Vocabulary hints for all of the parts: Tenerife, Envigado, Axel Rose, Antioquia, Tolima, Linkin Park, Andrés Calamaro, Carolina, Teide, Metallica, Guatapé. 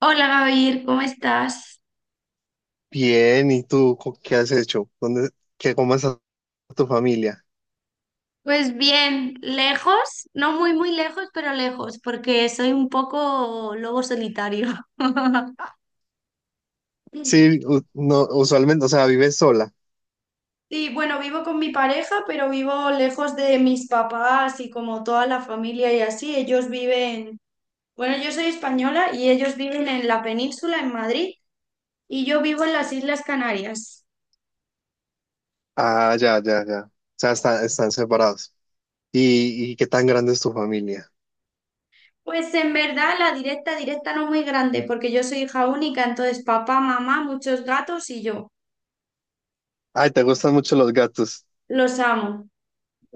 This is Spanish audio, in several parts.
Hola Gabriel, ¿cómo estás? Bien, ¿y qué has hecho? ¿Dónde, qué, cómo está tu familia? Pues bien, lejos, no muy muy lejos, pero lejos, porque soy un poco lobo solitario. Sí, no, usualmente, o sea, vives sola. Sí, bueno, vivo con mi pareja, pero vivo lejos de mis papás y como toda la familia y así. Ellos viven, bueno, yo soy española y ellos viven en la península, en Madrid, y yo vivo en las Islas Canarias. Ah, ya, ya, ya. O sea, están separados. ¿Y qué tan grande es tu familia? Pues en verdad la directa, directa no muy grande, porque yo soy hija única, entonces papá, mamá, muchos gatos y yo. Ay, te gustan mucho los gatos. Los amo.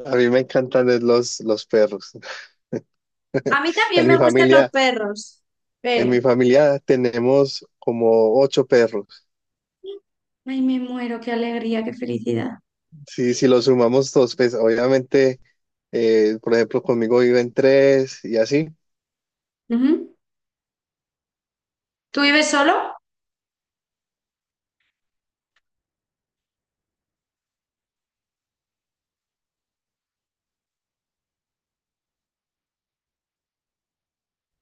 A mí me encantan es los perros. A mí también En me mi gustan los familia, perros. en mi Pero, familia tenemos como ocho perros. ay, me muero, qué alegría, qué felicidad. Sí, si los sumamos todos, pues obviamente, por ejemplo, conmigo viven tres y así. Ujú. ¿Tú vives solo?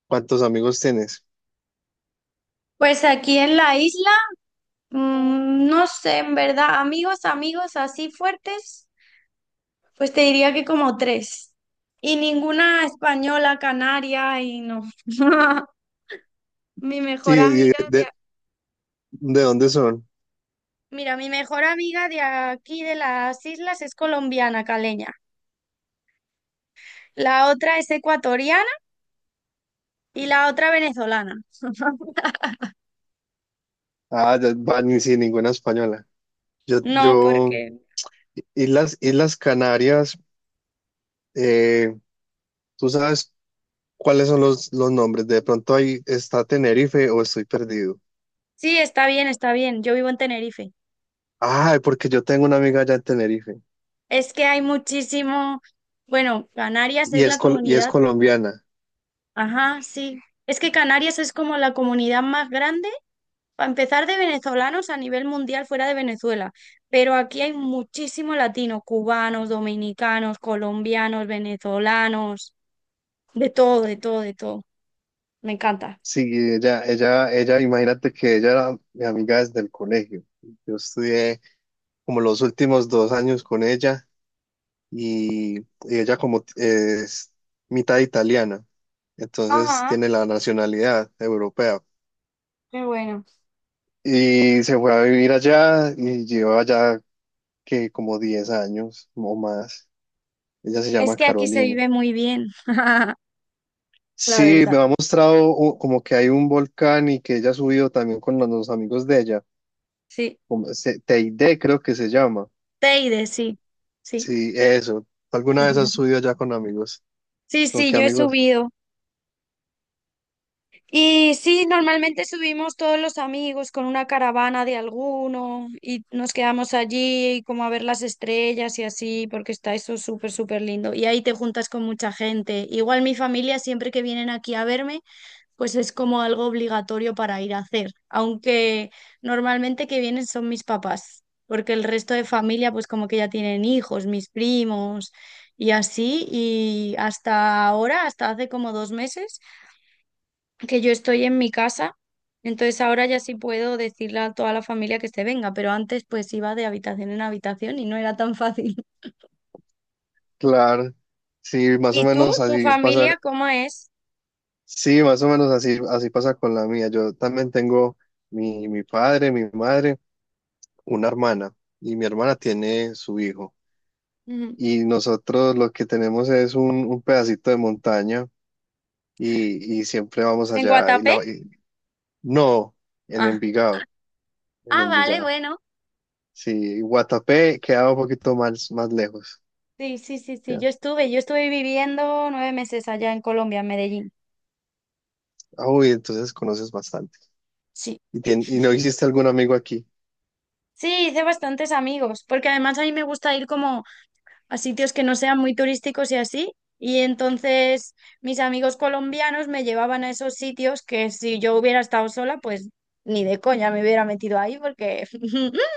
¿Cuántos amigos tienes? Pues aquí en la isla, no sé, en verdad, amigos, amigos así fuertes, pues te diría que como tres. Y ninguna española, canaria, y no. Mi mejor Sí, amiga de, de, a- ¿de dónde son? Mira, mi mejor amiga de aquí de las islas es colombiana, caleña. La otra es ecuatoriana y la otra venezolana. Ah, ya, va, ni sin ninguna española. Yo, No, yo, porque Islas, Islas Canarias, eh, ¿tú sabes cuáles son los nombres? De pronto ahí está Tenerife o estoy perdido. sí, está bien, está bien. Yo vivo en Tenerife. Ah, porque yo tengo una amiga allá en Tenerife Es que hay muchísimo, bueno, Canarias y es la y es comunidad, colombiana. ajá, sí. Es que Canarias es como la comunidad más grande, para empezar, de venezolanos a nivel mundial fuera de Venezuela. Pero aquí hay muchísimo latino, cubanos, dominicanos, colombianos, venezolanos, de todo, de todo, de todo. Me encanta. Sí, ella, imagínate que ella era mi amiga desde el colegio. Yo estudié como los últimos 2 años con ella y ella como es mitad italiana. Entonces Ajá, tiene la nacionalidad europea. qué bueno. Y se fue a vivir allá y lleva allá que como 10 años o más. Ella se Es llama que aquí se Carolina. vive muy bien, la Sí, me verdad. ha mostrado como que hay un volcán y que ella ha subido también con los amigos de ella. Sí. Teide creo que se llama. Teide, sí, sí. Sí, eso. ¿Alguna vez has subido allá con amigos? Sí, ¿Con sí, qué yo he amigos? subido. Y sí, normalmente subimos todos los amigos con una caravana de alguno y nos quedamos allí como a ver las estrellas y así, porque está eso súper, súper lindo. Y ahí te juntas con mucha gente. Igual mi familia, siempre que vienen aquí a verme, pues es como algo obligatorio para ir a hacer, aunque normalmente que vienen son mis papás, porque el resto de familia pues como que ya tienen hijos, mis primos y así, y hasta ahora, hasta hace como 2 meses que yo estoy en mi casa, entonces ahora ya sí puedo decirle a toda la familia que se venga, pero antes pues iba de habitación en habitación y no era tan fácil. Claro. Sí, más o ¿Y tú, menos tu así pasa. familia, cómo es? Sí, más o menos así, así pasa con la mía. Yo también tengo mi padre, mi madre, una hermana y mi hermana tiene su hijo. Ujú. Y nosotros lo que tenemos es un pedacito de montaña y siempre vamos ¿En allá. Guatapé? No, en Ah, Envigado, en ah, vale, Envigado. bueno. Sí, Guatapé queda un poquito más, más lejos. Sí, sí, sí, sí, Ya. Yo estuve viviendo 9 meses allá en Colombia, en Medellín. Ah, uy, entonces conoces bastante. Sí, ¿Y, y no hiciste algún amigo aquí? sí, hice bastantes amigos, porque además a mí me gusta ir como a sitios que no sean muy turísticos y así, y entonces mis amigos colombianos me llevaban a esos sitios que si yo hubiera estado sola, pues ni de coña me hubiera metido ahí, porque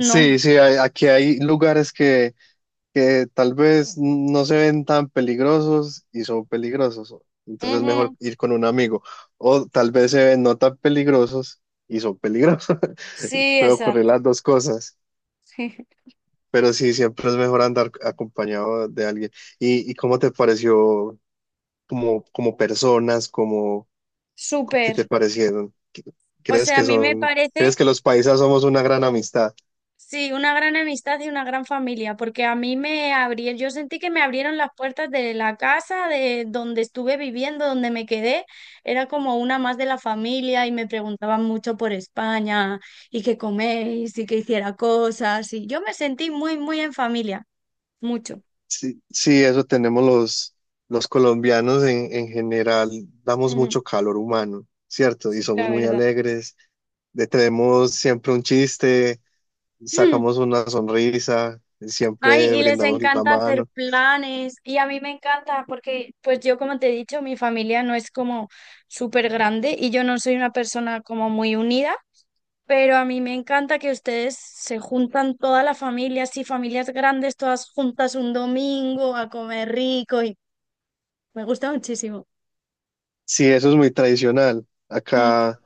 Sí, sí, aquí hay lugares que tal vez no se ven tan peligrosos y son peligrosos. Entonces es mejor Ujú. ir con un amigo. O tal vez se ven no tan peligrosos y son peligrosos. Sí, Puede ocurrir exacto. las dos cosas. Pero sí, siempre es mejor andar acompañado de alguien. ¿Y cómo te pareció como, como personas, como qué Súper. te parecieron? O ¿Crees sea, a que mí me son, parece crees que los paisas somos una gran amistad? sí, una gran amistad y una gran familia, porque a mí me abrieron, yo sentí que me abrieron las puertas de la casa, de donde estuve viviendo, donde me quedé, era como una más de la familia y me preguntaban mucho por España y qué coméis y que hiciera cosas y yo me sentí muy, muy en familia, mucho. Sí, sí, eso tenemos los colombianos en general, damos Ujú. mucho calor humano, ¿cierto? Y Sí, somos la muy verdad. alegres, le tenemos siempre un chiste, sacamos una sonrisa, Ay, siempre y les brindamos la encanta hacer mano. planes y a mí me encanta porque, pues yo como te he dicho, mi familia no es como súper grande y yo no soy una persona como muy unida, pero a mí me encanta que ustedes se juntan toda la familia, así familias grandes, todas juntas un domingo a comer rico y me gusta muchísimo. Sí, eso es muy tradicional. Mm. Acá,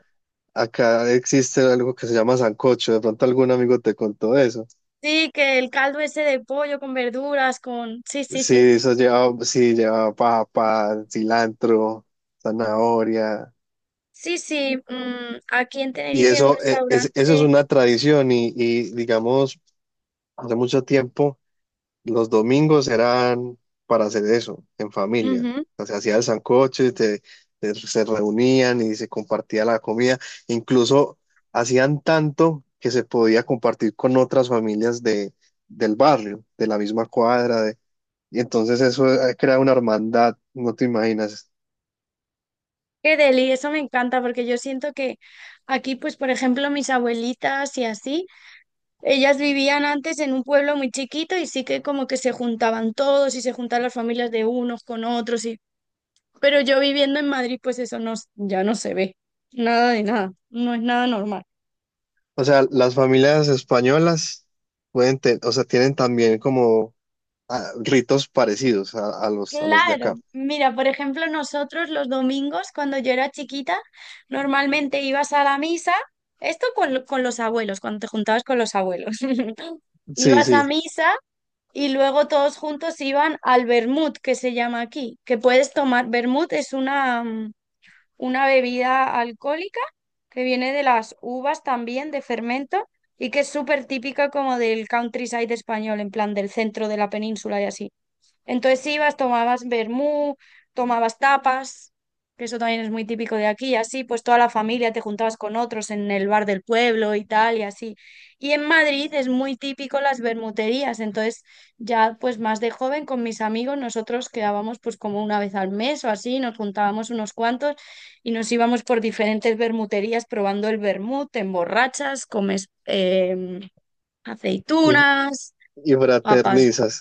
acá existe algo que se llama sancocho, de pronto algún amigo te contó eso. Sí, que el caldo ese de pollo con verduras, con... Sí, sí, Sí, sí. eso lleva, sí, lleva papa, cilantro, zanahoria. Sí, sí, mm, aquí en Y Tenerife hay un eso eso es restaurante. una tradición y, digamos, hace mucho tiempo los domingos eran para hacer eso, en familia. Ujú. O sea, se hacía el sancocho y se reunían y se compartía la comida. Incluso hacían tanto que se podía compartir con otras familias de, del barrio, de la misma cuadra. Y entonces eso crea una hermandad, no te imaginas. Qué deli, eso me encanta porque yo siento que aquí, pues por ejemplo, mis abuelitas y así, ellas vivían antes en un pueblo muy chiquito y sí que como que se juntaban todos y se juntaban las familias de unos con otros y pero yo viviendo en Madrid, pues eso no, ya no se ve. Nada de nada, no es nada normal. O sea, las familias españolas pueden, o sea, tienen también como ritos parecidos a los de Claro, acá. mira, por ejemplo, nosotros los domingos, cuando yo era chiquita, normalmente ibas a la misa, esto con los abuelos, cuando te juntabas con los abuelos. Sí, Ibas a sí, misa y luego todos juntos iban al vermut, que se llama aquí, que puedes tomar. Vermut es una bebida alcohólica que viene de las uvas también, de fermento, y que es súper típica como del countryside español, en plan del centro de la península y así. Entonces ibas, tomabas vermú, tomabas tapas, que eso también es muy típico de aquí, y así pues toda la familia te juntabas con otros en el bar del pueblo y tal, y así. Y en Madrid es muy típico las vermuterías, entonces ya pues más de joven con mis amigos nosotros quedábamos pues como una vez al mes o así, nos juntábamos unos cuantos y nos íbamos por diferentes vermuterías probando el vermut, te emborrachas, comes y, aceitunas, y papas, fraternizas.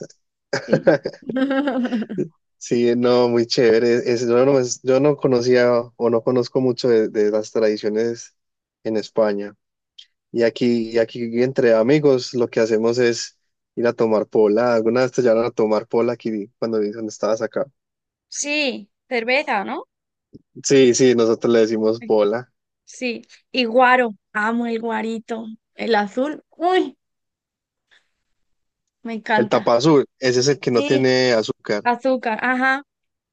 sí. Sí, no, muy chévere. Yo no conocía o no conozco mucho de las tradiciones en España. Y aquí entre amigos lo que hacemos es ir a tomar pola. Alguna vez te llevaron a tomar pola aquí cuando dicen estabas acá. Sí, cerveza, ¿no? Sí, sí, nosotros le decimos Sí. pola. Sí. Y guaro, amo el guarito. El azul, uy, me El encanta. tapa azul, ese es el que no Sí, tiene azúcar. azúcar, ajá.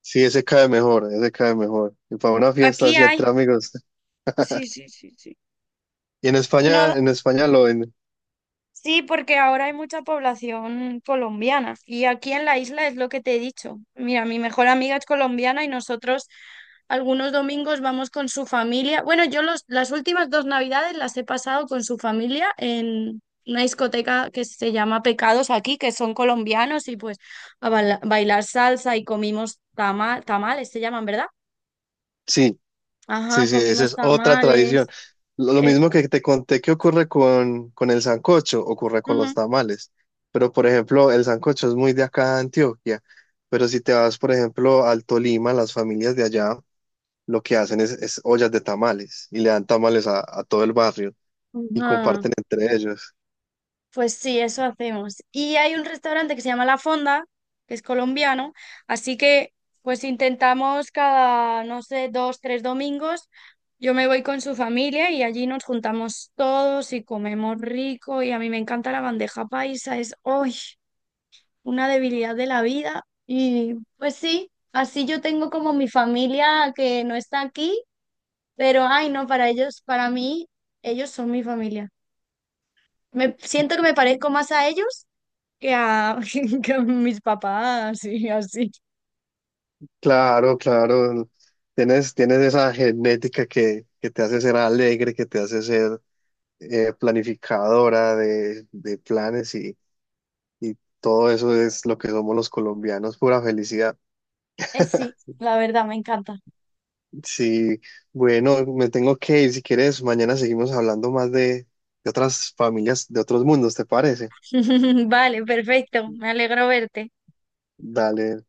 Sí, ese cae mejor, ese cae mejor. Y para una fiesta Aquí así hay. entre amigos. Sí, sí, sí, sí. Y No. En España lo ven. Sí, porque ahora hay mucha población colombiana y aquí en la isla es lo que te he dicho. Mira, mi mejor amiga es colombiana y nosotros algunos domingos vamos con su familia. Bueno, yo los, las últimas dos navidades las he pasado con su familia en una discoteca que se llama Pecados aquí, que son colombianos y pues a bailar salsa y comimos tamales, se llaman, ¿verdad? Sí, Ajá, sí, sí, esa comimos es otra tradición. tamales. Lo Eh, mismo que te conté que ocurre con el sancocho, ocurre con los ujú, tamales. Pero, por ejemplo, el sancocho es muy de acá de Antioquia. Pero si te vas, por ejemplo, al Tolima, las familias de allá lo que hacen es ollas de tamales y le dan tamales a todo el barrio y ajá. comparten entre ellos. Pues sí, eso hacemos. Y hay un restaurante que se llama La Fonda, que es colombiano, así que pues intentamos cada, no sé, dos, tres domingos, yo me voy con su familia y allí nos juntamos todos y comemos rico y a mí me encanta la bandeja paisa, es hoy una debilidad de la vida. Y pues sí, así yo tengo como mi familia que no está aquí, pero ay, no, para ellos, para mí, ellos son mi familia. Me siento que me parezco más a ellos que a, que a mis papás y así. Claro, claro. Tienes, tienes esa genética que te hace ser alegre, que te hace ser planificadora de planes y todo eso es lo que somos los colombianos, pura felicidad. Sí, la verdad, me encanta. Sí, bueno, me tengo que ir. Si quieres, mañana seguimos hablando más de otras familias, de otros mundos, ¿te parece? Vale, perfecto. Me alegro verte. Dale.